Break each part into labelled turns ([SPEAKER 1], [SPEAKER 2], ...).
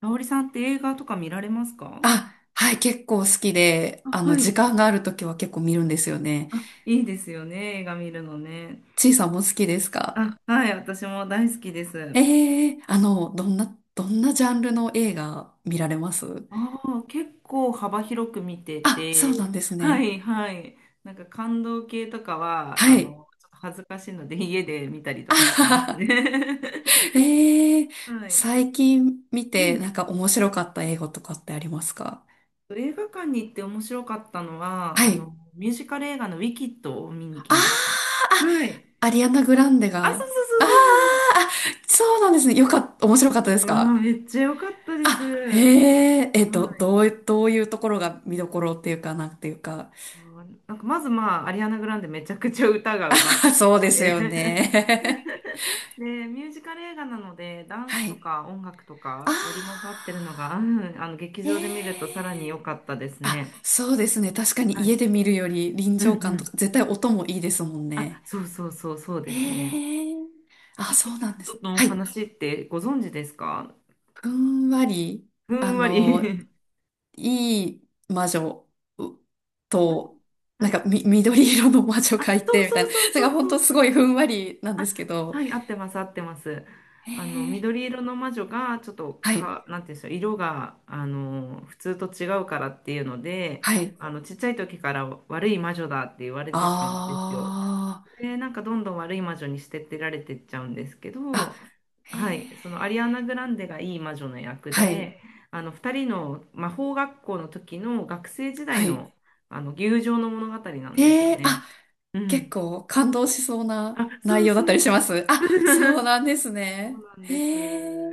[SPEAKER 1] 香織さんって映画とか見られますか？
[SPEAKER 2] あ、はい、結構好きで、
[SPEAKER 1] あ、は
[SPEAKER 2] 時
[SPEAKER 1] い。
[SPEAKER 2] 間があるときは結構見るんですよね。
[SPEAKER 1] あ、いいですよね、映画見るのね。
[SPEAKER 2] ちいさんも好きですか？
[SPEAKER 1] あ、はい、私も大好きです。
[SPEAKER 2] ええ、どんなジャンルの映画見られます？
[SPEAKER 1] ああ、結構幅広く見て
[SPEAKER 2] あ、そうな
[SPEAKER 1] て。
[SPEAKER 2] んです
[SPEAKER 1] は
[SPEAKER 2] ね。
[SPEAKER 1] いはい。なんか感動系とかは、
[SPEAKER 2] はい。
[SPEAKER 1] ちょっと恥ずかしいので家で見たりと
[SPEAKER 2] あ
[SPEAKER 1] かし
[SPEAKER 2] は
[SPEAKER 1] ますね。
[SPEAKER 2] は。 ええ。
[SPEAKER 1] はい。
[SPEAKER 2] 最近見
[SPEAKER 1] う
[SPEAKER 2] て、な
[SPEAKER 1] ん。
[SPEAKER 2] んか面白かった映画とかってありますか？
[SPEAKER 1] 映画館に行って面白かったのは、
[SPEAKER 2] はい。
[SPEAKER 1] ミュージカル映画のウィキッドを見に来
[SPEAKER 2] あ
[SPEAKER 1] ましたよ。
[SPEAKER 2] ー
[SPEAKER 1] はい。
[SPEAKER 2] あ、アリアナ・グランデ
[SPEAKER 1] あ、そ
[SPEAKER 2] が。
[SPEAKER 1] うそう
[SPEAKER 2] あー
[SPEAKER 1] そうそう。
[SPEAKER 2] あ、そうなんですね。よかった、面白かったで
[SPEAKER 1] あ
[SPEAKER 2] す
[SPEAKER 1] あ、
[SPEAKER 2] か？
[SPEAKER 1] めっちゃ良かったです。
[SPEAKER 2] あ、
[SPEAKER 1] は
[SPEAKER 2] へえ、
[SPEAKER 1] い。
[SPEAKER 2] どういうところが見どころっていうか、なんていうか。
[SPEAKER 1] う なんかまずまあ、アリアナ・グランデめちゃくちゃ歌が
[SPEAKER 2] あ、
[SPEAKER 1] うまくて。
[SPEAKER 2] そうです よね。
[SPEAKER 1] で、ミュージカル映画なので、ダ ンス
[SPEAKER 2] は
[SPEAKER 1] と
[SPEAKER 2] い。
[SPEAKER 1] か音楽と
[SPEAKER 2] あ
[SPEAKER 1] か織り交ざってるのが、劇
[SPEAKER 2] ー。え
[SPEAKER 1] 場で見るとさらに良
[SPEAKER 2] え。
[SPEAKER 1] かったです
[SPEAKER 2] あ、
[SPEAKER 1] ね。
[SPEAKER 2] そうですね。確かに
[SPEAKER 1] は
[SPEAKER 2] 家
[SPEAKER 1] い。
[SPEAKER 2] で見るより臨
[SPEAKER 1] うんう
[SPEAKER 2] 場感とか、
[SPEAKER 1] ん。
[SPEAKER 2] 絶対音もいいですもん
[SPEAKER 1] あ、
[SPEAKER 2] ね。
[SPEAKER 1] そうそうそうそうですね。
[SPEAKER 2] ええ。あ、
[SPEAKER 1] ピキ
[SPEAKER 2] そ
[SPEAKER 1] ッ
[SPEAKER 2] うなんで
[SPEAKER 1] ト
[SPEAKER 2] す。
[SPEAKER 1] のお
[SPEAKER 2] はい。
[SPEAKER 1] 話ってご存知ですか？
[SPEAKER 2] ふんわり、
[SPEAKER 1] ふ
[SPEAKER 2] あ
[SPEAKER 1] んわ
[SPEAKER 2] の、
[SPEAKER 1] り。
[SPEAKER 2] いい魔女
[SPEAKER 1] うん。
[SPEAKER 2] と、な
[SPEAKER 1] は
[SPEAKER 2] ん
[SPEAKER 1] い。
[SPEAKER 2] かみ、緑色の魔女
[SPEAKER 1] あ、
[SPEAKER 2] がい
[SPEAKER 1] そう
[SPEAKER 2] て、みたい
[SPEAKER 1] そ
[SPEAKER 2] な。
[SPEAKER 1] う
[SPEAKER 2] それ
[SPEAKER 1] そ
[SPEAKER 2] が
[SPEAKER 1] う
[SPEAKER 2] 本
[SPEAKER 1] そ
[SPEAKER 2] 当
[SPEAKER 1] う。
[SPEAKER 2] すごいふんわりなんで
[SPEAKER 1] あ、
[SPEAKER 2] すけど、
[SPEAKER 1] はい、合ってます、合ってます。
[SPEAKER 2] へえ。
[SPEAKER 1] 緑色の魔女が、ちょっと
[SPEAKER 2] はい。
[SPEAKER 1] か、なんていうんでしょう、色が、普通と違うからっていうので、
[SPEAKER 2] はい。
[SPEAKER 1] ちっちゃい時から悪い魔女だって言われてたんですよ。
[SPEAKER 2] あ
[SPEAKER 1] で、なんかどんどん悪い魔女に捨ててられてっちゃうんですけ
[SPEAKER 2] あ。あ、
[SPEAKER 1] ど、
[SPEAKER 2] へ
[SPEAKER 1] はい、
[SPEAKER 2] え。
[SPEAKER 1] そのアリアナ・グランデがいい魔女の役
[SPEAKER 2] はい。
[SPEAKER 1] で、二人の魔法学校の時の学生時代
[SPEAKER 2] はい。
[SPEAKER 1] の、友情の物語なんです
[SPEAKER 2] へ
[SPEAKER 1] よ
[SPEAKER 2] え。
[SPEAKER 1] ね。
[SPEAKER 2] あ、
[SPEAKER 1] う
[SPEAKER 2] 結
[SPEAKER 1] ん。
[SPEAKER 2] 構感動しそうな
[SPEAKER 1] あ、そ
[SPEAKER 2] 内
[SPEAKER 1] う
[SPEAKER 2] 容だ
[SPEAKER 1] そ
[SPEAKER 2] った
[SPEAKER 1] う
[SPEAKER 2] り
[SPEAKER 1] そ
[SPEAKER 2] します？
[SPEAKER 1] う。
[SPEAKER 2] あ、そうなん です
[SPEAKER 1] そう
[SPEAKER 2] ね。
[SPEAKER 1] なん
[SPEAKER 2] へ
[SPEAKER 1] で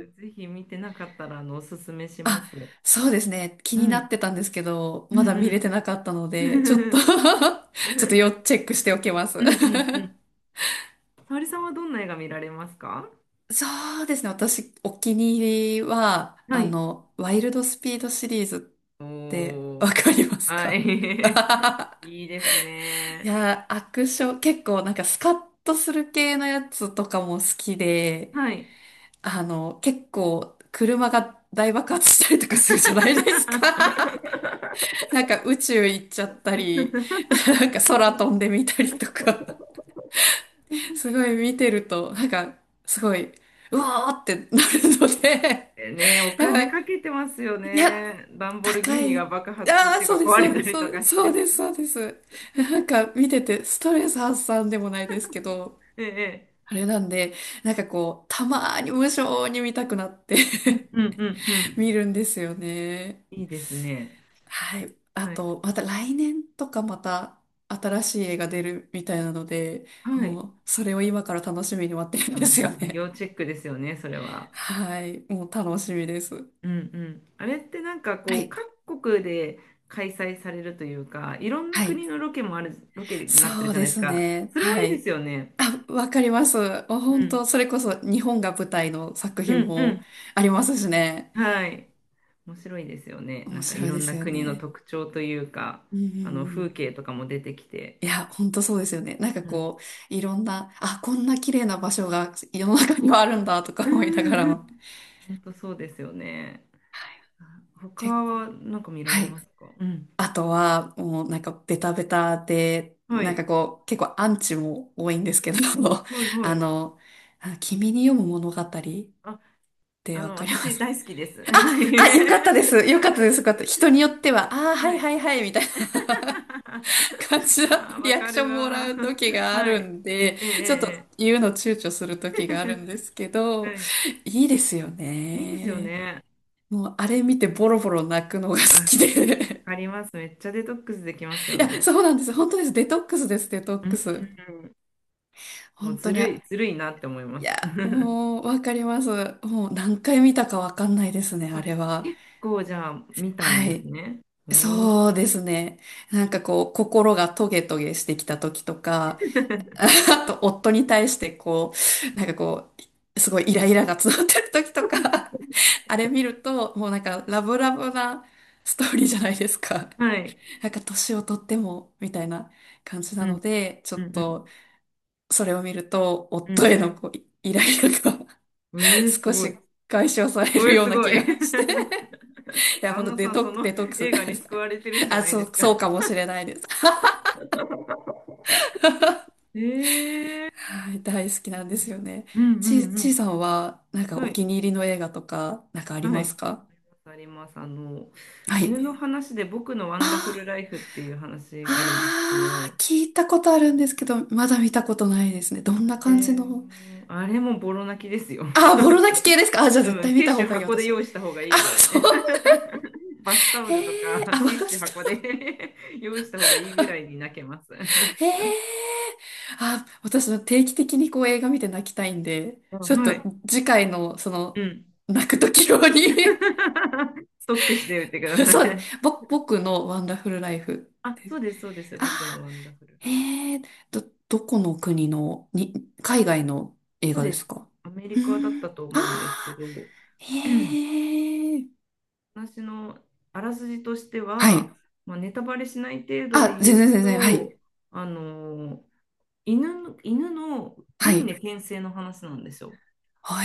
[SPEAKER 2] え。
[SPEAKER 1] ぜひ見てなかったら、おすすめしま
[SPEAKER 2] あ、
[SPEAKER 1] す。う
[SPEAKER 2] そうですね。気にな
[SPEAKER 1] ん、
[SPEAKER 2] ってたんですけど、
[SPEAKER 1] う
[SPEAKER 2] まだ見れ
[SPEAKER 1] ん、
[SPEAKER 2] てなかったの
[SPEAKER 1] う
[SPEAKER 2] で、ちょっと、
[SPEAKER 1] ん。
[SPEAKER 2] ち
[SPEAKER 1] う
[SPEAKER 2] ょっと
[SPEAKER 1] ん、
[SPEAKER 2] 要チェックしておきます。
[SPEAKER 1] う ん、うん。沙織さんはどんな映画見られますか？
[SPEAKER 2] そうですね。私、お気に入りは、
[SPEAKER 1] はい。
[SPEAKER 2] ワイルドスピードシリーズって
[SPEAKER 1] おー。
[SPEAKER 2] わかります
[SPEAKER 1] は
[SPEAKER 2] か？
[SPEAKER 1] い。いいです
[SPEAKER 2] い
[SPEAKER 1] ね。
[SPEAKER 2] やー、アクション、結構なんかスカッとする系のやつとかも好きで、
[SPEAKER 1] はい。
[SPEAKER 2] 結構車が大爆発したりとかするじゃないですか。なんか宇宙行っちゃったり、なんか空飛んでみたりとか、すごい見てると、なんかすごい、うわーってなるので、
[SPEAKER 1] ね、お
[SPEAKER 2] なん
[SPEAKER 1] 金
[SPEAKER 2] か、
[SPEAKER 1] かけてますよ
[SPEAKER 2] いや、
[SPEAKER 1] ね。ランボルギ
[SPEAKER 2] 高
[SPEAKER 1] ーニ
[SPEAKER 2] い、
[SPEAKER 1] が爆発っ
[SPEAKER 2] ああ、
[SPEAKER 1] てい
[SPEAKER 2] そう
[SPEAKER 1] う
[SPEAKER 2] で
[SPEAKER 1] か
[SPEAKER 2] す、
[SPEAKER 1] 壊
[SPEAKER 2] そ
[SPEAKER 1] れ
[SPEAKER 2] う
[SPEAKER 1] た
[SPEAKER 2] です、
[SPEAKER 1] り
[SPEAKER 2] そ
[SPEAKER 1] と
[SPEAKER 2] うで
[SPEAKER 1] か
[SPEAKER 2] す、
[SPEAKER 1] し
[SPEAKER 2] そう
[SPEAKER 1] て。
[SPEAKER 2] です、そうです。なんか見ててストレス発散でもないですけど、
[SPEAKER 1] ええ。
[SPEAKER 2] あれなんで、なんかこう、たまーに無性に見たくなって、
[SPEAKER 1] うんうんう ん。
[SPEAKER 2] 見るんですよね。
[SPEAKER 1] いいですね。
[SPEAKER 2] はい。あ
[SPEAKER 1] はい。
[SPEAKER 2] と、また来年とかまた新しい映画出るみたいなので、
[SPEAKER 1] は
[SPEAKER 2] も
[SPEAKER 1] い。
[SPEAKER 2] う、それを今から楽しみに待ってる
[SPEAKER 1] あ
[SPEAKER 2] んですよ
[SPEAKER 1] ー、要
[SPEAKER 2] ね。
[SPEAKER 1] チェックですよね、それは。
[SPEAKER 2] はい。もう楽しみです。
[SPEAKER 1] うんうん。あれってなんか
[SPEAKER 2] は
[SPEAKER 1] こう、
[SPEAKER 2] い。
[SPEAKER 1] 各国で開催されるというか、いろんな
[SPEAKER 2] は
[SPEAKER 1] 国
[SPEAKER 2] い。
[SPEAKER 1] のロケになって
[SPEAKER 2] そ
[SPEAKER 1] る
[SPEAKER 2] う
[SPEAKER 1] じゃ
[SPEAKER 2] で
[SPEAKER 1] ないです
[SPEAKER 2] す
[SPEAKER 1] か。
[SPEAKER 2] ね。
[SPEAKER 1] それも
[SPEAKER 2] は
[SPEAKER 1] いいで
[SPEAKER 2] い。
[SPEAKER 1] すよね。
[SPEAKER 2] あ、わかります。もう
[SPEAKER 1] う
[SPEAKER 2] 本
[SPEAKER 1] ん。
[SPEAKER 2] 当、それこそ日本が舞台の作
[SPEAKER 1] う
[SPEAKER 2] 品
[SPEAKER 1] ん
[SPEAKER 2] も
[SPEAKER 1] う
[SPEAKER 2] ありますしね。
[SPEAKER 1] ん。はい。面白いですよね。な
[SPEAKER 2] 面
[SPEAKER 1] んかい
[SPEAKER 2] 白い
[SPEAKER 1] ろ
[SPEAKER 2] で
[SPEAKER 1] ん
[SPEAKER 2] す
[SPEAKER 1] な
[SPEAKER 2] よ
[SPEAKER 1] 国の
[SPEAKER 2] ね。
[SPEAKER 1] 特徴というか、
[SPEAKER 2] うんうん
[SPEAKER 1] あの
[SPEAKER 2] う
[SPEAKER 1] 風
[SPEAKER 2] ん。
[SPEAKER 1] 景とかも出てきて。
[SPEAKER 2] いや、本当そうですよね。なんか
[SPEAKER 1] うん。
[SPEAKER 2] こう、いろんな、あ、こんな綺麗な場所が世の中にはあるんだとか
[SPEAKER 1] う
[SPEAKER 2] 思いなが
[SPEAKER 1] ん
[SPEAKER 2] ら
[SPEAKER 1] うん。
[SPEAKER 2] も。
[SPEAKER 1] 本当そうですよね。
[SPEAKER 2] はい。
[SPEAKER 1] 他
[SPEAKER 2] け
[SPEAKER 1] はなんか見られ
[SPEAKER 2] は
[SPEAKER 1] ま
[SPEAKER 2] い。
[SPEAKER 1] すか？うん。
[SPEAKER 2] あとは、もうなんかベタベタで、
[SPEAKER 1] は
[SPEAKER 2] なん
[SPEAKER 1] い。
[SPEAKER 2] かこう、結構アンチも多いんですけど、
[SPEAKER 1] はいは
[SPEAKER 2] あ
[SPEAKER 1] い。
[SPEAKER 2] の、あ、君に読む物語っ
[SPEAKER 1] あ、
[SPEAKER 2] てわかりま
[SPEAKER 1] 私
[SPEAKER 2] す？
[SPEAKER 1] 大好きです。
[SPEAKER 2] あ、よかったです。よかったです。よかった。人によっては、ああ、は
[SPEAKER 1] は
[SPEAKER 2] いは
[SPEAKER 1] い。
[SPEAKER 2] いはい、みたいな。感 じだ
[SPEAKER 1] あ
[SPEAKER 2] と
[SPEAKER 1] あ、
[SPEAKER 2] リ
[SPEAKER 1] わ
[SPEAKER 2] アク
[SPEAKER 1] か
[SPEAKER 2] ショ
[SPEAKER 1] る
[SPEAKER 2] ンもら
[SPEAKER 1] わ。
[SPEAKER 2] う時があ
[SPEAKER 1] は
[SPEAKER 2] る
[SPEAKER 1] い。
[SPEAKER 2] んで、
[SPEAKER 1] ええ、
[SPEAKER 2] ちょっと
[SPEAKER 1] え
[SPEAKER 2] 言うの躊躇する
[SPEAKER 1] え。
[SPEAKER 2] 時があるんで
[SPEAKER 1] え
[SPEAKER 2] すけ
[SPEAKER 1] え
[SPEAKER 2] ど、
[SPEAKER 1] はい。
[SPEAKER 2] いいですよ
[SPEAKER 1] いいですよ
[SPEAKER 2] ね。
[SPEAKER 1] ね。
[SPEAKER 2] もうあれ見てボロボロ泣くのが好
[SPEAKER 1] あ、わ
[SPEAKER 2] きで。
[SPEAKER 1] かります。めっちゃデトックスできます よ
[SPEAKER 2] いや、
[SPEAKER 1] ね。
[SPEAKER 2] そうなんです。本当です。デトックスです、デトッ
[SPEAKER 1] う
[SPEAKER 2] ク
[SPEAKER 1] ん。
[SPEAKER 2] ス。
[SPEAKER 1] もう
[SPEAKER 2] 本当
[SPEAKER 1] ず
[SPEAKER 2] に、
[SPEAKER 1] るい、ずるいなって思いま
[SPEAKER 2] いや、
[SPEAKER 1] す。
[SPEAKER 2] もうわかります。もう何回見たかわかんないですね、あ
[SPEAKER 1] あ、
[SPEAKER 2] れは。
[SPEAKER 1] 結構じゃあ見たん
[SPEAKER 2] は
[SPEAKER 1] です
[SPEAKER 2] い。
[SPEAKER 1] ね。おお。
[SPEAKER 2] そうですね。なんかこう、心がトゲトゲしてきた時とか、あと、夫に対してこう、なんかこう、すごいイライラが募ってる時とか、あれ見ると、もうなんかラブラブなストーリーじゃないですか。
[SPEAKER 1] はい。
[SPEAKER 2] なんか年をとっても、みたいな感じな
[SPEAKER 1] う
[SPEAKER 2] の
[SPEAKER 1] ん。
[SPEAKER 2] で、ちょ
[SPEAKER 1] う
[SPEAKER 2] っ
[SPEAKER 1] んうん
[SPEAKER 2] と、それを見ると、
[SPEAKER 1] う
[SPEAKER 2] 夫へ
[SPEAKER 1] ん。
[SPEAKER 2] のこう、イライラが、
[SPEAKER 1] うえす
[SPEAKER 2] 少
[SPEAKER 1] ごい。
[SPEAKER 2] し解消され
[SPEAKER 1] う
[SPEAKER 2] る
[SPEAKER 1] え
[SPEAKER 2] よう
[SPEAKER 1] す
[SPEAKER 2] な
[SPEAKER 1] ご
[SPEAKER 2] 気が
[SPEAKER 1] い。
[SPEAKER 2] して。いや、ほん
[SPEAKER 1] 旦
[SPEAKER 2] と
[SPEAKER 1] 那さん、その
[SPEAKER 2] デトックス
[SPEAKER 1] 映
[SPEAKER 2] で
[SPEAKER 1] 画に
[SPEAKER 2] す
[SPEAKER 1] 救
[SPEAKER 2] ね。
[SPEAKER 1] われてるんじゃ
[SPEAKER 2] あ、
[SPEAKER 1] ない
[SPEAKER 2] そ
[SPEAKER 1] で
[SPEAKER 2] う、
[SPEAKER 1] すか？
[SPEAKER 2] そうかもしれないです。
[SPEAKER 1] ええ。
[SPEAKER 2] はい、大好きなん
[SPEAKER 1] う
[SPEAKER 2] で
[SPEAKER 1] ん
[SPEAKER 2] す
[SPEAKER 1] だ。
[SPEAKER 2] よね。
[SPEAKER 1] うんう
[SPEAKER 2] ちい
[SPEAKER 1] ん。
[SPEAKER 2] さんは、なんか
[SPEAKER 1] は
[SPEAKER 2] お
[SPEAKER 1] い、
[SPEAKER 2] 気に入りの映画とか、なんかあり
[SPEAKER 1] は
[SPEAKER 2] ま
[SPEAKER 1] い。
[SPEAKER 2] すか？
[SPEAKER 1] あります。
[SPEAKER 2] は
[SPEAKER 1] 犬
[SPEAKER 2] い。
[SPEAKER 1] の話で僕のワンダフル
[SPEAKER 2] あ
[SPEAKER 1] ライフっていう話
[SPEAKER 2] ー、
[SPEAKER 1] があるんですけ
[SPEAKER 2] あ
[SPEAKER 1] ど、
[SPEAKER 2] ー、聞いたことあるんですけど、まだ見たことないですね。ど
[SPEAKER 1] あ
[SPEAKER 2] んな感じ
[SPEAKER 1] れ
[SPEAKER 2] の。
[SPEAKER 1] も、あれもボロ泣きですよ。
[SPEAKER 2] あー、ボロ泣き系です か？あ、じゃあ
[SPEAKER 1] 多
[SPEAKER 2] 絶
[SPEAKER 1] 分
[SPEAKER 2] 対
[SPEAKER 1] テ
[SPEAKER 2] 見
[SPEAKER 1] ィッ
[SPEAKER 2] た
[SPEAKER 1] シ
[SPEAKER 2] 方
[SPEAKER 1] ュ
[SPEAKER 2] がいい、
[SPEAKER 1] 箱で
[SPEAKER 2] 私。
[SPEAKER 1] 用意した方がい
[SPEAKER 2] あ、
[SPEAKER 1] いぐらい
[SPEAKER 2] そう。
[SPEAKER 1] ね。バスタオ
[SPEAKER 2] え
[SPEAKER 1] ルと
[SPEAKER 2] え、あ、
[SPEAKER 1] か
[SPEAKER 2] マ
[SPEAKER 1] ティッシュ
[SPEAKER 2] スタ
[SPEAKER 1] 箱
[SPEAKER 2] ー。
[SPEAKER 1] で 用意した方がいいぐらいに泣けます。
[SPEAKER 2] え え、あ、私は定期的にこう映画見て泣きたいんで、
[SPEAKER 1] あ、
[SPEAKER 2] ちょっ
[SPEAKER 1] は
[SPEAKER 2] と
[SPEAKER 1] い。
[SPEAKER 2] 次回の、そ
[SPEAKER 1] う
[SPEAKER 2] の、
[SPEAKER 1] ん。
[SPEAKER 2] 泣く時用に。
[SPEAKER 1] ストックしておいてくだ さ
[SPEAKER 2] そうで
[SPEAKER 1] い。
[SPEAKER 2] す。僕のワンダフルライフ。
[SPEAKER 1] あ、そうです、そうです。僕の
[SPEAKER 2] あ
[SPEAKER 1] ワンダフルラ
[SPEAKER 2] ー、
[SPEAKER 1] イフ。
[SPEAKER 2] へえ。ど、どこの国の、海外の映
[SPEAKER 1] そう
[SPEAKER 2] 画で
[SPEAKER 1] で
[SPEAKER 2] す
[SPEAKER 1] す。
[SPEAKER 2] か？
[SPEAKER 1] アメ
[SPEAKER 2] う
[SPEAKER 1] リ
[SPEAKER 2] ー
[SPEAKER 1] カだった
[SPEAKER 2] ん、
[SPEAKER 1] と思うんですけ
[SPEAKER 2] あ
[SPEAKER 1] ど、
[SPEAKER 2] ー、へえー、
[SPEAKER 1] 私のあらすじとして
[SPEAKER 2] は
[SPEAKER 1] は、
[SPEAKER 2] い。
[SPEAKER 1] まあ、ネタバレしない程度で
[SPEAKER 2] あ、
[SPEAKER 1] 言
[SPEAKER 2] 全
[SPEAKER 1] う
[SPEAKER 2] 然全然、はい。
[SPEAKER 1] と、あのー犬の
[SPEAKER 2] は
[SPEAKER 1] 輪廻
[SPEAKER 2] い。
[SPEAKER 1] 転生の話なんですよ。
[SPEAKER 2] あ、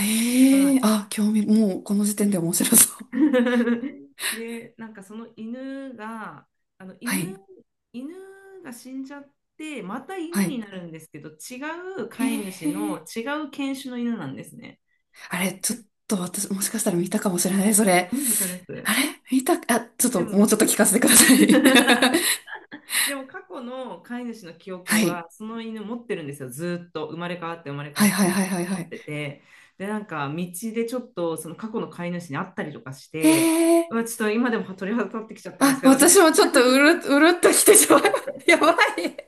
[SPEAKER 1] はい。
[SPEAKER 2] あ、興味、もうこの時点で面白そう。
[SPEAKER 1] で、なんかその犬が、あの
[SPEAKER 2] は
[SPEAKER 1] 犬、
[SPEAKER 2] い。
[SPEAKER 1] 犬が死んじゃって、また
[SPEAKER 2] は
[SPEAKER 1] 犬に
[SPEAKER 2] い。
[SPEAKER 1] なるんですけど、違う
[SPEAKER 2] へ
[SPEAKER 1] 飼い主
[SPEAKER 2] え
[SPEAKER 1] の
[SPEAKER 2] ー、
[SPEAKER 1] 違う犬種の犬なんですね。
[SPEAKER 2] あれ、ちょっと私、もしかしたら見たかもしれない、それ。
[SPEAKER 1] 目働く。
[SPEAKER 2] あれ見た、あ、ちょっ
[SPEAKER 1] で
[SPEAKER 2] と、も
[SPEAKER 1] も、
[SPEAKER 2] うちょっと聞かせてください。
[SPEAKER 1] でも過去の飼い主の記 憶
[SPEAKER 2] は
[SPEAKER 1] は
[SPEAKER 2] い。
[SPEAKER 1] その犬持ってるんですよ、ずーっと生まれ変わって生まれ変わ
[SPEAKER 2] はい
[SPEAKER 1] って
[SPEAKER 2] は
[SPEAKER 1] も
[SPEAKER 2] いはい
[SPEAKER 1] ずっ
[SPEAKER 2] はい
[SPEAKER 1] と持
[SPEAKER 2] は
[SPEAKER 1] っ
[SPEAKER 2] い。
[SPEAKER 1] てて、で、なんか道でちょっとその過去の飼い主に会ったりとかし
[SPEAKER 2] へ
[SPEAKER 1] て、
[SPEAKER 2] え。
[SPEAKER 1] うわちょっと今でも鳥肌立ってきちゃったんで
[SPEAKER 2] あ、
[SPEAKER 1] すけど、私
[SPEAKER 2] 私もちょっとうるっときてしまう。やばい。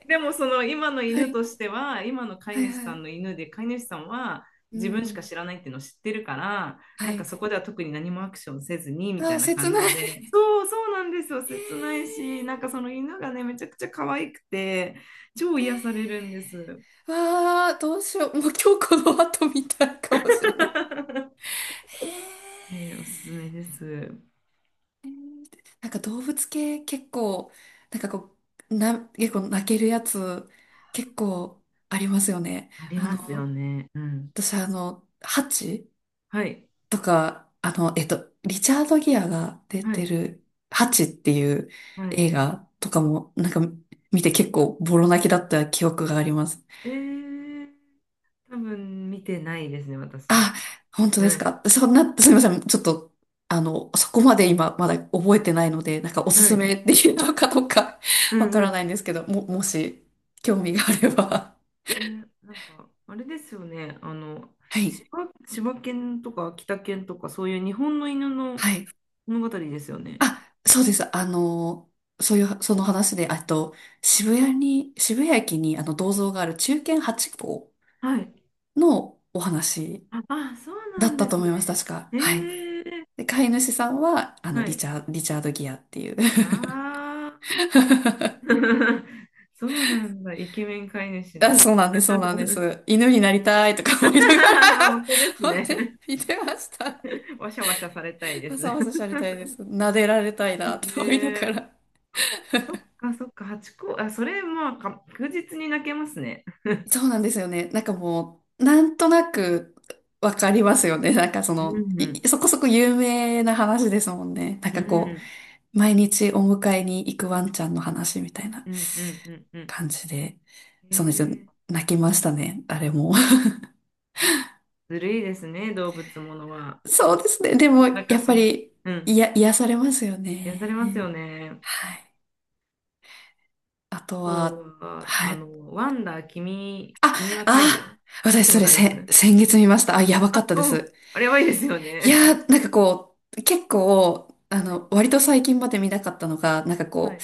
[SPEAKER 1] でもその今の
[SPEAKER 2] は
[SPEAKER 1] 犬と
[SPEAKER 2] い。
[SPEAKER 1] しては、今の飼い
[SPEAKER 2] はい
[SPEAKER 1] 主
[SPEAKER 2] は
[SPEAKER 1] さんの
[SPEAKER 2] い。
[SPEAKER 1] 犬で、飼い主さんは
[SPEAKER 2] う
[SPEAKER 1] 自分しか
[SPEAKER 2] ん。
[SPEAKER 1] 知らないっていうのを知ってるから、な
[SPEAKER 2] は
[SPEAKER 1] んか
[SPEAKER 2] い。
[SPEAKER 1] そこでは特に何もアクションせずに
[SPEAKER 2] あ
[SPEAKER 1] みたい
[SPEAKER 2] ー、
[SPEAKER 1] な感
[SPEAKER 2] 切
[SPEAKER 1] じ
[SPEAKER 2] ない。
[SPEAKER 1] で、そうそうなんですよ、
[SPEAKER 2] え
[SPEAKER 1] 切ない
[SPEAKER 2] ー。
[SPEAKER 1] し、なんかその犬がね、めちゃくちゃ可愛くて、超癒される
[SPEAKER 2] え
[SPEAKER 1] んです。
[SPEAKER 2] ー、わー、どうしよう。もう今日この後みたいかもしれない。へー。
[SPEAKER 1] おすすめです。
[SPEAKER 2] なんか動物系結構、なんかこう、結構泣けるやつ結構ありますよね。
[SPEAKER 1] ありますよね。うん。
[SPEAKER 2] 私、ハチ
[SPEAKER 1] はい。
[SPEAKER 2] とか、リチャード・ギアが出
[SPEAKER 1] は
[SPEAKER 2] て
[SPEAKER 1] い。
[SPEAKER 2] る、ハチっていう
[SPEAKER 1] はい。
[SPEAKER 2] 映画とかも、なんか見て結構ボロ泣きだった記憶があります。
[SPEAKER 1] えー、多分見てないですね、
[SPEAKER 2] あ、
[SPEAKER 1] 私。
[SPEAKER 2] 本当で
[SPEAKER 1] は
[SPEAKER 2] す
[SPEAKER 1] い。
[SPEAKER 2] か。そんな、すみません。ちょっと、そこまで今まだ覚えてないので、なんかおす
[SPEAKER 1] は
[SPEAKER 2] す
[SPEAKER 1] い。
[SPEAKER 2] めできるのかどうか、
[SPEAKER 1] う
[SPEAKER 2] わ
[SPEAKER 1] ん
[SPEAKER 2] か
[SPEAKER 1] う
[SPEAKER 2] ら
[SPEAKER 1] ん。
[SPEAKER 2] ないんですけど、もし興味があれば。
[SPEAKER 1] ね、なんか、あれですよね、
[SPEAKER 2] はい。
[SPEAKER 1] 柴、柴犬とか北犬とか、そういう日本の犬の
[SPEAKER 2] はい。
[SPEAKER 1] 物語ですよね。
[SPEAKER 2] あ、そうです。そういう、その話で、あと、渋谷駅にあの銅像がある忠犬ハチ公
[SPEAKER 1] はい。
[SPEAKER 2] のお話
[SPEAKER 1] あ、あ、そうな
[SPEAKER 2] だっ
[SPEAKER 1] んで
[SPEAKER 2] たと
[SPEAKER 1] す
[SPEAKER 2] 思
[SPEAKER 1] ね。
[SPEAKER 2] います、確か。
[SPEAKER 1] え
[SPEAKER 2] はい。
[SPEAKER 1] ー、
[SPEAKER 2] で、飼い主さんは、
[SPEAKER 1] はい。
[SPEAKER 2] リチャード・ギアっていう。
[SPEAKER 1] ああ、そうなんだ、イケメン飼い主
[SPEAKER 2] あ、
[SPEAKER 1] の。
[SPEAKER 2] そうなんです、そうなんで す。犬になりたいとか思いながら、
[SPEAKER 1] 本当 ですね。
[SPEAKER 2] 見てました。
[SPEAKER 1] わしゃわしゃされたいで
[SPEAKER 2] わ
[SPEAKER 1] す。ね
[SPEAKER 2] さわさしゃれたいです。撫でられたいな、と思いなが
[SPEAKER 1] え、
[SPEAKER 2] ら。
[SPEAKER 1] そっかそっか、八個、あ、それ、まあ、確実に泣けますね。
[SPEAKER 2] そうなんですよね。なんかもう、なんとなくわかりますよね。なんかそ
[SPEAKER 1] う
[SPEAKER 2] の、
[SPEAKER 1] ん、
[SPEAKER 2] そこそこ有名な話ですもんね。なん
[SPEAKER 1] う
[SPEAKER 2] かこ
[SPEAKER 1] ん。
[SPEAKER 2] う、毎日お迎えに行くワンちゃんの話みたいな
[SPEAKER 1] うんうんうんうん。
[SPEAKER 2] 感じで、その人
[SPEAKER 1] ええ、
[SPEAKER 2] 泣きましたね。あれも。
[SPEAKER 1] ずるいですね、動物ものは。
[SPEAKER 2] そうですね。でも、
[SPEAKER 1] 任
[SPEAKER 2] やっぱ
[SPEAKER 1] せに。
[SPEAKER 2] り、
[SPEAKER 1] うん。
[SPEAKER 2] いや、癒されますよ
[SPEAKER 1] 癒されますよ
[SPEAKER 2] ね。
[SPEAKER 1] ね。
[SPEAKER 2] はい。あと
[SPEAKER 1] そ
[SPEAKER 2] は、
[SPEAKER 1] うは、
[SPEAKER 2] はい。
[SPEAKER 1] ワンダー、
[SPEAKER 2] あ、
[SPEAKER 1] 君は太
[SPEAKER 2] あ、
[SPEAKER 1] 陽。見
[SPEAKER 2] 私
[SPEAKER 1] た
[SPEAKER 2] そ
[SPEAKER 1] こと
[SPEAKER 2] れ、
[SPEAKER 1] あります？
[SPEAKER 2] 先月見ました。あ、やばかっ
[SPEAKER 1] あ、
[SPEAKER 2] たで
[SPEAKER 1] おう、
[SPEAKER 2] す。
[SPEAKER 1] あれやばいですよ
[SPEAKER 2] い
[SPEAKER 1] ね。
[SPEAKER 2] やー、なんかこう、結構、
[SPEAKER 1] はい。
[SPEAKER 2] 割と最近まで見なかったのが、なんか
[SPEAKER 1] は
[SPEAKER 2] こ
[SPEAKER 1] い。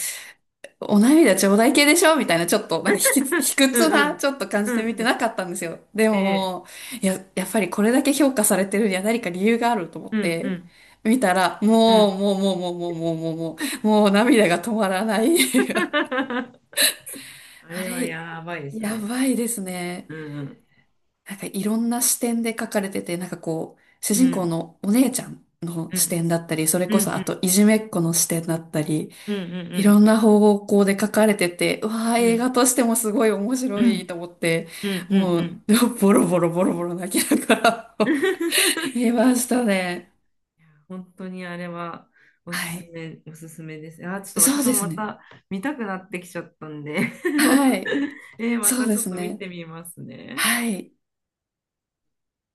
[SPEAKER 2] う、お涙頂戴系でしょみたいな、ちょっと、なんか卑
[SPEAKER 1] うん
[SPEAKER 2] 屈
[SPEAKER 1] う
[SPEAKER 2] な、
[SPEAKER 1] ん。
[SPEAKER 2] ちょっと感
[SPEAKER 1] う
[SPEAKER 2] じ
[SPEAKER 1] ん
[SPEAKER 2] で見て
[SPEAKER 1] う
[SPEAKER 2] な
[SPEAKER 1] ん。
[SPEAKER 2] かったんですよ。で
[SPEAKER 1] ええ。
[SPEAKER 2] も、いや、やっぱりこれだけ評価されてるには何か理由があると思っ
[SPEAKER 1] うんう
[SPEAKER 2] て、
[SPEAKER 1] ん
[SPEAKER 2] 見たら、
[SPEAKER 1] う
[SPEAKER 2] もう、
[SPEAKER 1] ん。
[SPEAKER 2] もう、もう、もう、もう、もう、もう、もう、もう涙が止まらない。
[SPEAKER 1] あ
[SPEAKER 2] あ
[SPEAKER 1] れは
[SPEAKER 2] れ、
[SPEAKER 1] やばいですよ
[SPEAKER 2] や
[SPEAKER 1] ね。
[SPEAKER 2] ばいですね。
[SPEAKER 1] うんうん。
[SPEAKER 2] なんかいろんな視点で書かれてて、なんかこう、主
[SPEAKER 1] う
[SPEAKER 2] 人公
[SPEAKER 1] ん
[SPEAKER 2] のお姉ちゃんの
[SPEAKER 1] う
[SPEAKER 2] 視
[SPEAKER 1] ん。
[SPEAKER 2] 点だったり、それ
[SPEAKER 1] うん
[SPEAKER 2] こ
[SPEAKER 1] う
[SPEAKER 2] そあ
[SPEAKER 1] ん
[SPEAKER 2] といじめっ子の視点だったり、
[SPEAKER 1] うん
[SPEAKER 2] いろ
[SPEAKER 1] う
[SPEAKER 2] んな方向で書かれてて、うわー、
[SPEAKER 1] んう
[SPEAKER 2] 映画
[SPEAKER 1] ん
[SPEAKER 2] としてもすごい面
[SPEAKER 1] う
[SPEAKER 2] 白い
[SPEAKER 1] ん
[SPEAKER 2] と思って、
[SPEAKER 1] うんうんうん
[SPEAKER 2] も
[SPEAKER 1] うんう
[SPEAKER 2] う、
[SPEAKER 1] ん。
[SPEAKER 2] ボロボロボロボロ泣きながら、 見ましたね。
[SPEAKER 1] いや、本当にあれはおす
[SPEAKER 2] は
[SPEAKER 1] す
[SPEAKER 2] い。
[SPEAKER 1] め、おすすめです。あー、ちょっと
[SPEAKER 2] そ
[SPEAKER 1] 私
[SPEAKER 2] うで
[SPEAKER 1] も
[SPEAKER 2] す
[SPEAKER 1] ま
[SPEAKER 2] ね。
[SPEAKER 1] た見たくなってきちゃったんで
[SPEAKER 2] はい。
[SPEAKER 1] ま
[SPEAKER 2] そう
[SPEAKER 1] たち
[SPEAKER 2] で
[SPEAKER 1] ょっ
[SPEAKER 2] す
[SPEAKER 1] と見
[SPEAKER 2] ね。
[SPEAKER 1] てみますね。
[SPEAKER 2] はい。